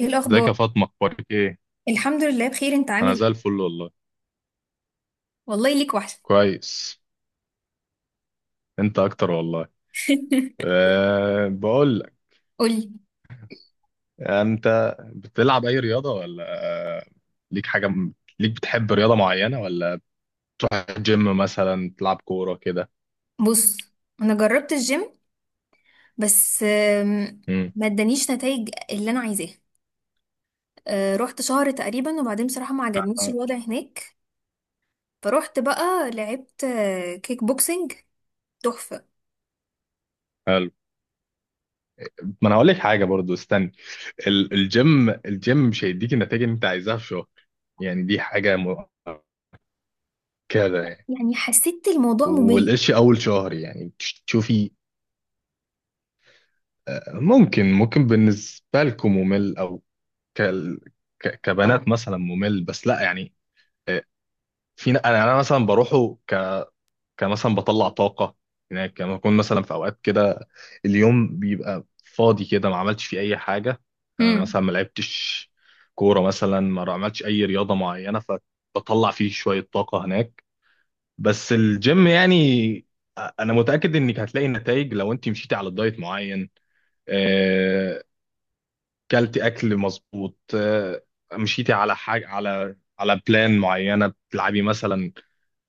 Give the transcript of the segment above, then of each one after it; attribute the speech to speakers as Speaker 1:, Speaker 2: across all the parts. Speaker 1: ايه
Speaker 2: ازيك يا
Speaker 1: الاخبار؟
Speaker 2: فاطمة، اخبارك ايه؟
Speaker 1: الحمد لله بخير، انت عامل
Speaker 2: انا
Speaker 1: ايه؟
Speaker 2: زي الفل والله.
Speaker 1: والله ليك وحشه.
Speaker 2: كويس. انت اكتر والله. أه، بقول لك،
Speaker 1: قولي.
Speaker 2: انت بتلعب اي رياضة ولا ليك حاجة م- ليك بتحب رياضة معينة، ولا جيم مثلا، تلعب كورة كده؟
Speaker 1: بص، انا جربت الجيم بس
Speaker 2: امم.
Speaker 1: ما ادانيش نتائج اللي انا عايزاها. رحت شهر تقريبا، وبعدين بصراحه ما عجبنيش
Speaker 2: آه،
Speaker 1: الوضع هناك، فروحت بقى لعبت كيك بوكسنج. تحفه.
Speaker 2: حلو. ما انا هقول لك حاجة برضو، استني. الجيم مش هيديك النتائج اللي انت عايزاها في شهر، يعني دي حاجة مؤكدة يعني.
Speaker 1: يعني حسيت الموضوع ممل.
Speaker 2: والقش اول شهر يعني تشوفي. ممكن بالنسبة لكم ممل، او ك... كبنات مثلا ممل، بس لا يعني. آه، انا مثلا بروحه، كمثلا بطلع طاقه هناك. يعني لما اكون مثلا في اوقات كده اليوم بيبقى فاضي كده، ما عملتش فيه اي حاجه.
Speaker 1: امم.
Speaker 2: مثلا ما لعبتش كوره، مثلا ما عملتش اي رياضه معينه، فبطلع فيه شويه طاقه هناك. بس الجيم يعني، انا متاكد انك هتلاقي نتائج لو انت مشيتي على الدايت معين، آه، كلتي اكل مظبوط، مشيتي على حاجه، على بلان معينه، بتلعبي مثلا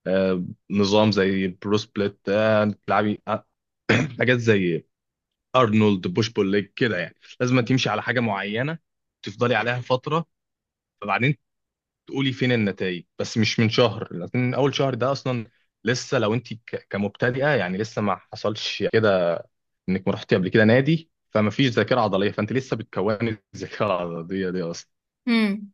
Speaker 2: آه، نظام زي البرو سبليت، بتلعبي حاجات زي ارنولد بوش بول ليج كده، يعني لازم تمشي على حاجه معينه، تفضلي عليها فتره، فبعدين تقولي فين النتائج. بس مش من شهر، لكن اول شهر ده اصلا لسه، لو انت كمبتدئه يعني لسه ما حصلش كده انك ما رحتي قبل كده نادي، فما فيش ذاكره عضليه، فانت لسه بتكوني الذاكره العضليه دي اصلا.
Speaker 1: امم،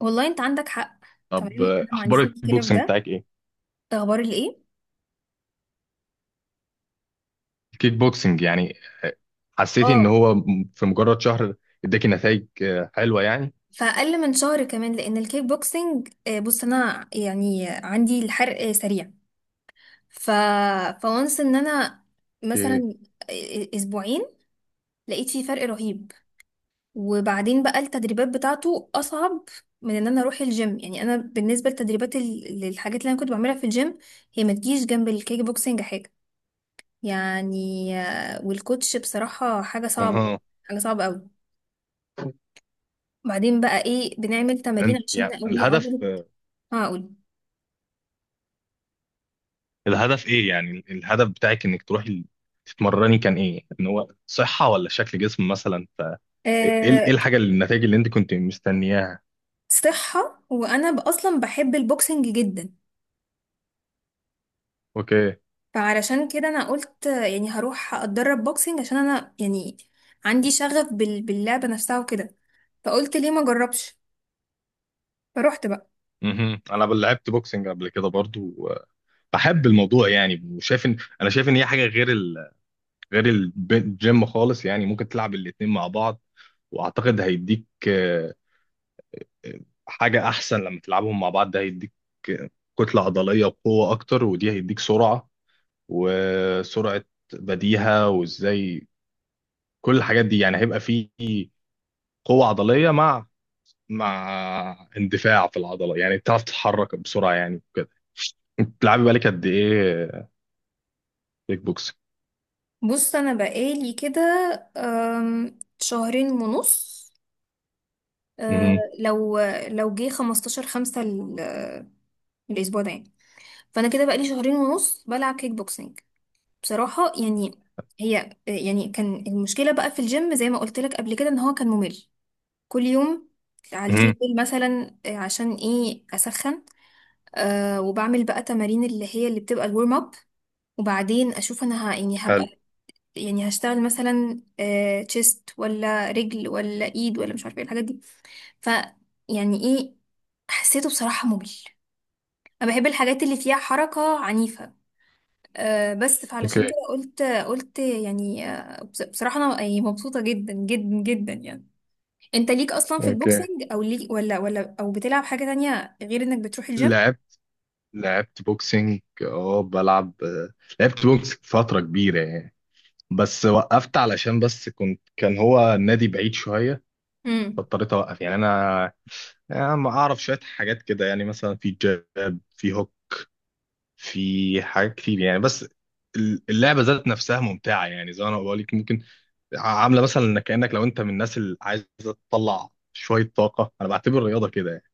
Speaker 1: والله انت عندك حق. تمام،
Speaker 2: طب
Speaker 1: انا ما عنديش
Speaker 2: اخبار الكيك
Speaker 1: مشكله في
Speaker 2: بوكسنج
Speaker 1: ده.
Speaker 2: بتاعك ايه؟
Speaker 1: ده اخبار الايه؟
Speaker 2: الكيك بوكسنج يعني، حسيتي ان
Speaker 1: اه،
Speaker 2: هو في مجرد شهر اداكي نتائج حلوه يعني؟
Speaker 1: فأقل من شهر كمان، لأن الكيك بوكسينج بص، أنا يعني عندي الحرق سريع. ف، فونس إن أنا
Speaker 2: اوكي.
Speaker 1: مثلا أسبوعين لقيت فيه فرق رهيب. وبعدين بقى التدريبات بتاعته أصعب من إن أنا أروح الجيم. يعني أنا بالنسبة لتدريبات ال- للحاجات اللي أنا كنت بعملها في الجيم، هي ما تجيش جنب الكيك بوكسينج حاجة. يعني والكوتش بصراحة حاجة صعبة،
Speaker 2: اها.
Speaker 1: يعني حاجة صعبة أوي. بعدين بقى إيه؟ بنعمل تمارين
Speaker 2: انت
Speaker 1: عشان
Speaker 2: يعني
Speaker 1: نقوي
Speaker 2: الهدف،
Speaker 1: عضله. هقول،
Speaker 2: الهدف ايه يعني؟ الهدف بتاعك انك تروحي تتمرني كان ايه؟ ان هو صحه ولا شكل جسم مثلا؟ إيه الحاجه اللي، النتائج اللي انت كنت مستنياها؟
Speaker 1: صحة، وأنا ب- أصلا بحب البوكسنج جدا.
Speaker 2: اوكي.
Speaker 1: فعلشان كده أنا قلت يعني هروح أتدرب بوكسنج، عشان أنا يعني عندي شغف باللعبة نفسها وكده. فقلت ليه ما أجربش، فروحت بقى.
Speaker 2: مهم. انا لعبت بوكسنج قبل كده برضو، بحب الموضوع يعني، وشايف ان انا شايف ان هي حاجه غير غير الجيم خالص، يعني ممكن تلعب الاتنين مع بعض. واعتقد هيديك حاجه احسن لما تلعبهم مع بعض، ده هيديك كتله عضليه وقوه اكتر، ودي هيديك سرعه، وسرعه بديهه، وازاي، كل الحاجات دي يعني. هيبقى فيه قوه عضليه مع اندفاع في العضله، يعني بتعرف تتحرك بسرعه يعني كده. انت بتلعبي بالك قد ايه كيك بوكسنج؟
Speaker 1: بص أنا بقالي كده شهرين ونص. أه،
Speaker 2: مهم.
Speaker 1: لو لو جه 15 خمسة ال- الأسبوع ده يعني. فأنا كده بقالي شهرين ونص بلعب كيك بوكسنج. بصراحة يعني، هي يعني كان المشكلة بقى في الجيم زي ما قلت لك قبل كده، إن هو كان ممل. كل يوم على
Speaker 2: مهم.
Speaker 1: التريدميل مثلا، عشان ايه؟ اسخن. أه، وبعمل بقى تمارين اللي هي اللي بتبقى الورم اب، وبعدين اشوف انا يعني
Speaker 2: حلو.
Speaker 1: هبقى، يعني هشتغل مثلا أه تشيست ولا رجل ولا ايد، ولا مش عارفه ايه الحاجات دي. ف، يعني ايه، حسيته بصراحه ممل. انا بحب الحاجات اللي فيها حركه عنيفه. أه، بس فعلشان
Speaker 2: اوكي.
Speaker 1: كده قلت يعني بصراحه انا يعني مبسوطه جدا جدا جدا يعني. انت ليك اصلا في
Speaker 2: اوكي.
Speaker 1: البوكسنج، او ليك ولا او بتلعب حاجة تانية غير انك بتروح الجيم؟
Speaker 2: لعبت لعبت بوكسنج، اه بلعب، لعبت بوكسنج فتره كبيره يعني. بس وقفت علشان بس كان هو النادي بعيد شوية،
Speaker 1: امم.
Speaker 2: فاضطريت أوقف يعني. أنا يعني ما أعرف شوية حاجات كده يعني، مثلا في جاب، في هوك، في حاجات كتير يعني. بس اللعبة ذات نفسها ممتعة، يعني زي ما أنا بقول لك، ممكن عاملة مثلا إنك كأنك لو أنت من الناس اللي عايزة تطلع شوية طاقة. أنا بعتبر الرياضة كده يعني،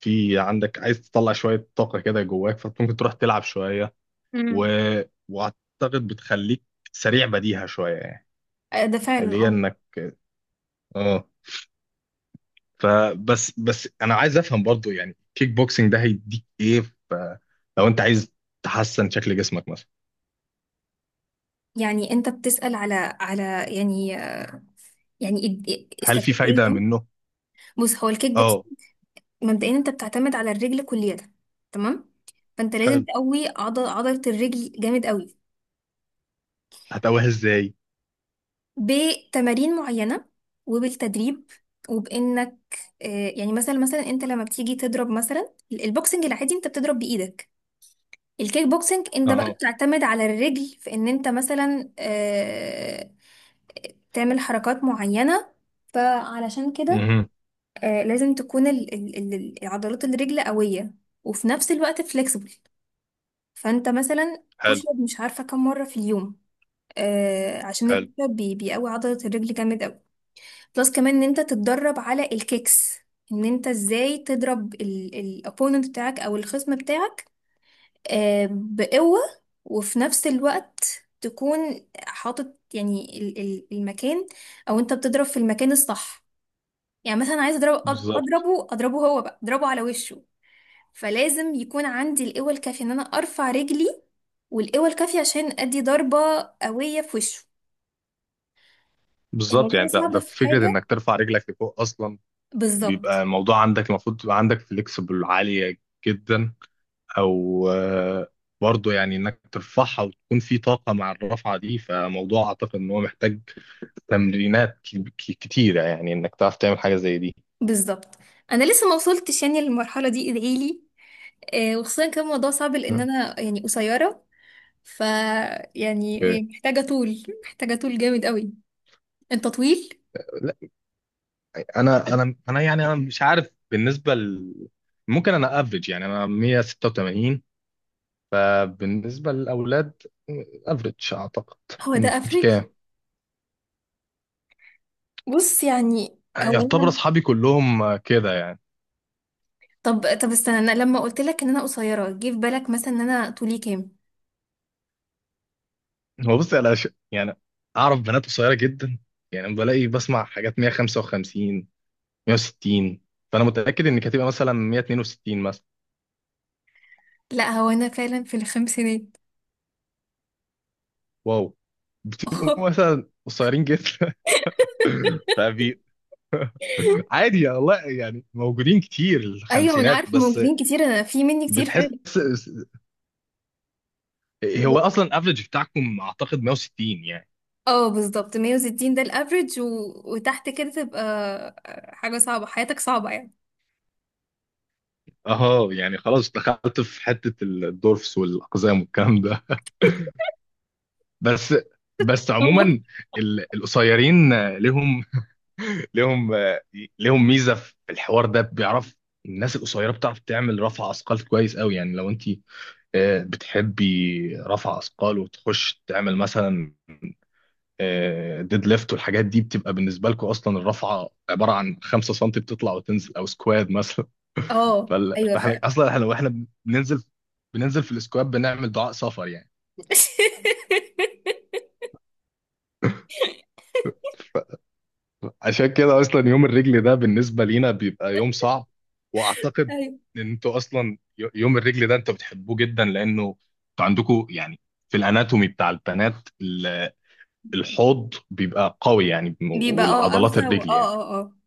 Speaker 2: في عندك، عايز تطلع شوية طاقة كده جواك، فممكن تروح تلعب شوية. و...
Speaker 1: امم.
Speaker 2: وأعتقد بتخليك سريع بديهة شوية يعني،
Speaker 1: ده فعلا
Speaker 2: اللي هي
Speaker 1: اه.
Speaker 2: إنك، اه، فبس انا عايز افهم برضو، يعني كيك بوكسنج ده هيديك ايه؟ لو انت عايز تحسن شكل جسمك مثلا،
Speaker 1: يعني انت بتسأل على على يعني، يعني
Speaker 2: هل في
Speaker 1: استفدت ايه
Speaker 2: فايدة
Speaker 1: يعني؟
Speaker 2: منه؟
Speaker 1: بص، هو الكيك بوكس
Speaker 2: اه.
Speaker 1: مبدئيا انت بتعتمد على الرجل كليا، تمام؟ فانت لازم
Speaker 2: حلو.
Speaker 1: تقوي عضلة الرجل جامد قوي.
Speaker 2: هتقويها ازاي؟
Speaker 1: بتمارين معينة، وبالتدريب، وبانك يعني مثلا انت لما بتيجي تضرب مثلا البوكسنج العادي، انت بتضرب بايدك. الكيك بوكسنج انت بقى
Speaker 2: اها.
Speaker 1: بتعتمد على الرجل، في ان انت مثلا تعمل حركات معينة. فعلشان كده
Speaker 2: مهم.
Speaker 1: لازم تكون العضلات الرجل قوية، وفي نفس الوقت فليكسبل. فانت مثلا بوش
Speaker 2: حلو.
Speaker 1: اب مش عارفة كم مرة في اليوم، عشان
Speaker 2: حلو.
Speaker 1: البوش اب بيقوي عضلة الرجل جامد قوي. بلس كمان ان انت تتدرب على الكيكس، ان انت ازاي تضرب الopponent بتاعك او الخصم بتاعك، بقوة. وفي نفس الوقت تكون حاطط يعني المكان، او انت بتضرب في المكان الصح. يعني مثلا عايز اضرب
Speaker 2: بالظبط.
Speaker 1: اضربه، اضربه هو بقى، اضربه على وشه. فلازم يكون عندي القوة الكافية ان انا ارفع رجلي، والقوة الكافية عشان ادي ضربة قوية في وشه.
Speaker 2: بالظبط
Speaker 1: الموضوع ده
Speaker 2: يعني ده
Speaker 1: صعب
Speaker 2: ده
Speaker 1: في
Speaker 2: فكرة
Speaker 1: حاجة،
Speaker 2: انك ترفع رجلك لفوق اصلا. بيبقى
Speaker 1: بالظبط.
Speaker 2: الموضوع عندك المفروض تبقى عندك فليكسبل عالية جدا، او برضو يعني انك ترفعها وتكون في طاقة مع الرفعة دي. فموضوع اعتقد ان هو محتاج تمرينات كتيرة، يعني انك تعرف تعمل حاجة زي دي.
Speaker 1: بالظبط، انا لسه ما وصلتش يعني للمرحلة دي، ادعيلي. وخصوصا كان الموضوع صعب، لان انا يعني قصيرة. ف، يعني
Speaker 2: ب-
Speaker 1: هي محتاجة طول، محتاجة طول جامد قوي. انت طويل.
Speaker 2: لا، انا يعني انا مش عارف بالنسبة ممكن انا افريج يعني، انا 186 بالنسبة للاولاد افريج اعتقد.
Speaker 1: هو ده
Speaker 2: انت
Speaker 1: افريج؟
Speaker 2: كام؟
Speaker 1: بص يعني هو
Speaker 2: يعتبر
Speaker 1: انا،
Speaker 2: اصحابي كلهم كده يعني.
Speaker 1: طب طب استنى، انا لما قلت لك ان انا قصيرة، جه في بالك مثلا ان انا طولي كام؟
Speaker 2: هو بص انا يعني اعرف بنات قصيرة جدا، يعني بلاقي بسمع حاجات 155، 160. فانا متأكد انك هتبقى مثلا 162 مثلا.
Speaker 1: لا، هو انا فعلا في الخمسينات.
Speaker 2: واو. بتبقوا مثلا قصيرين جدا. فبي. عادي يا والله، يعني موجودين كتير
Speaker 1: ايوه، ما انا
Speaker 2: الخمسينات،
Speaker 1: عارف
Speaker 2: بس
Speaker 1: موجودين كتير، انا في مني كتير فعلا.
Speaker 2: بتحس. هو اصلا افريج بتاعكم اعتقد 160 يعني.
Speaker 1: اه، بالظبط 160 ده الافريج. وتحت كده تبقى حاجة صعبة، حياتك صعبة يعني.
Speaker 2: اه يعني خلاص، دخلت في حته الدورفس والاقزام والكلام ده. بس، بس عموما القصيرين لهم لهم لهم ميزه في الحوار ده، بيعرف، الناس القصيره بتعرف تعمل رفع اثقال كويس قوي. يعني لو انت بتحبي رفع اثقال، وتخش تعمل مثلا ديد ليفت والحاجات دي، بتبقى بالنسبه لكم اصلا الرفعه عباره عن 5 سم، بتطلع وتنزل، او سكواد مثلا.
Speaker 1: اه ايوه
Speaker 2: فاحنا
Speaker 1: فعلا.
Speaker 2: اصلا احنا، واحنا بننزل في السكواد بنعمل دعاء سفر يعني. عشان كده اصلا يوم الرجل ده بالنسبه لينا بيبقى يوم صعب. واعتقد
Speaker 1: ايوه،
Speaker 2: ان انتوا اصلا، يوم الرجل ده انتوا بتحبوه جدا، لانه انتوا عندكم يعني في الاناتومي بتاع البنات، الحوض بيبقى قوي يعني،
Speaker 1: بيبقى اه
Speaker 2: والعضلات
Speaker 1: اوسع
Speaker 2: الرجل
Speaker 1: اه
Speaker 2: يعني
Speaker 1: اه اه.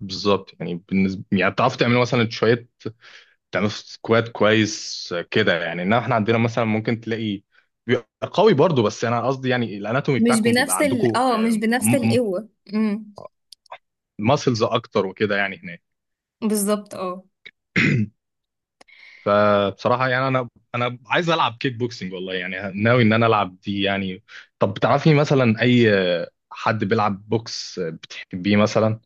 Speaker 2: بالظبط. يعني بالنسبه، يعني بتعرفوا تعملوا مثلا شويه، تعملوا سكواد كويس كده يعني. انما احنا عندنا مثلا ممكن تلاقي بيبقى قوي برضو. بس انا قصدي يعني الاناتومي
Speaker 1: مش
Speaker 2: بتاعكم بيبقى
Speaker 1: بنفس ال،
Speaker 2: عندكم
Speaker 1: اه مش بنفس القوة. امم.
Speaker 2: ماسلز اكتر وكده يعني هناك.
Speaker 1: بالظبط اه.
Speaker 2: فبصراحه يعني انا، انا عايز العب كيك بوكسنج والله، يعني ناوي ان انا العب دي يعني. طب بتعرفي مثلا اي حد بيلعب بوكس بتحبيه مثلا؟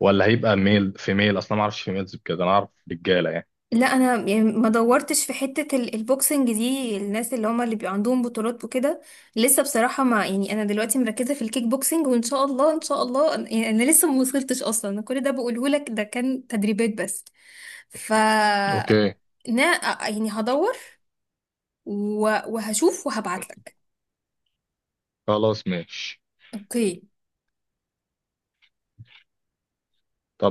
Speaker 2: ولا هيبقى ميل فيميل اصلا، ما اعرفش فيميلز بكده، انا اعرف رجاله يعني.
Speaker 1: لا، انا يعني ما دورتش في حتة ال- البوكسنج دي، الناس اللي هما اللي بيبقى عندهم بطولات وكده، لسه بصراحة ما يعني، انا دلوقتي مركزة في الكيك بوكسنج، وان شاء الله، ان شاء الله يعني انا لسه ما وصلتش اصلا. أنا كل ده بقوله لك، ده كان تدريبات بس. ف،
Speaker 2: اوكي.
Speaker 1: نا، يعني هدور و- وهشوف وهبعت لك.
Speaker 2: خلاص، ماشي.
Speaker 1: اوكي.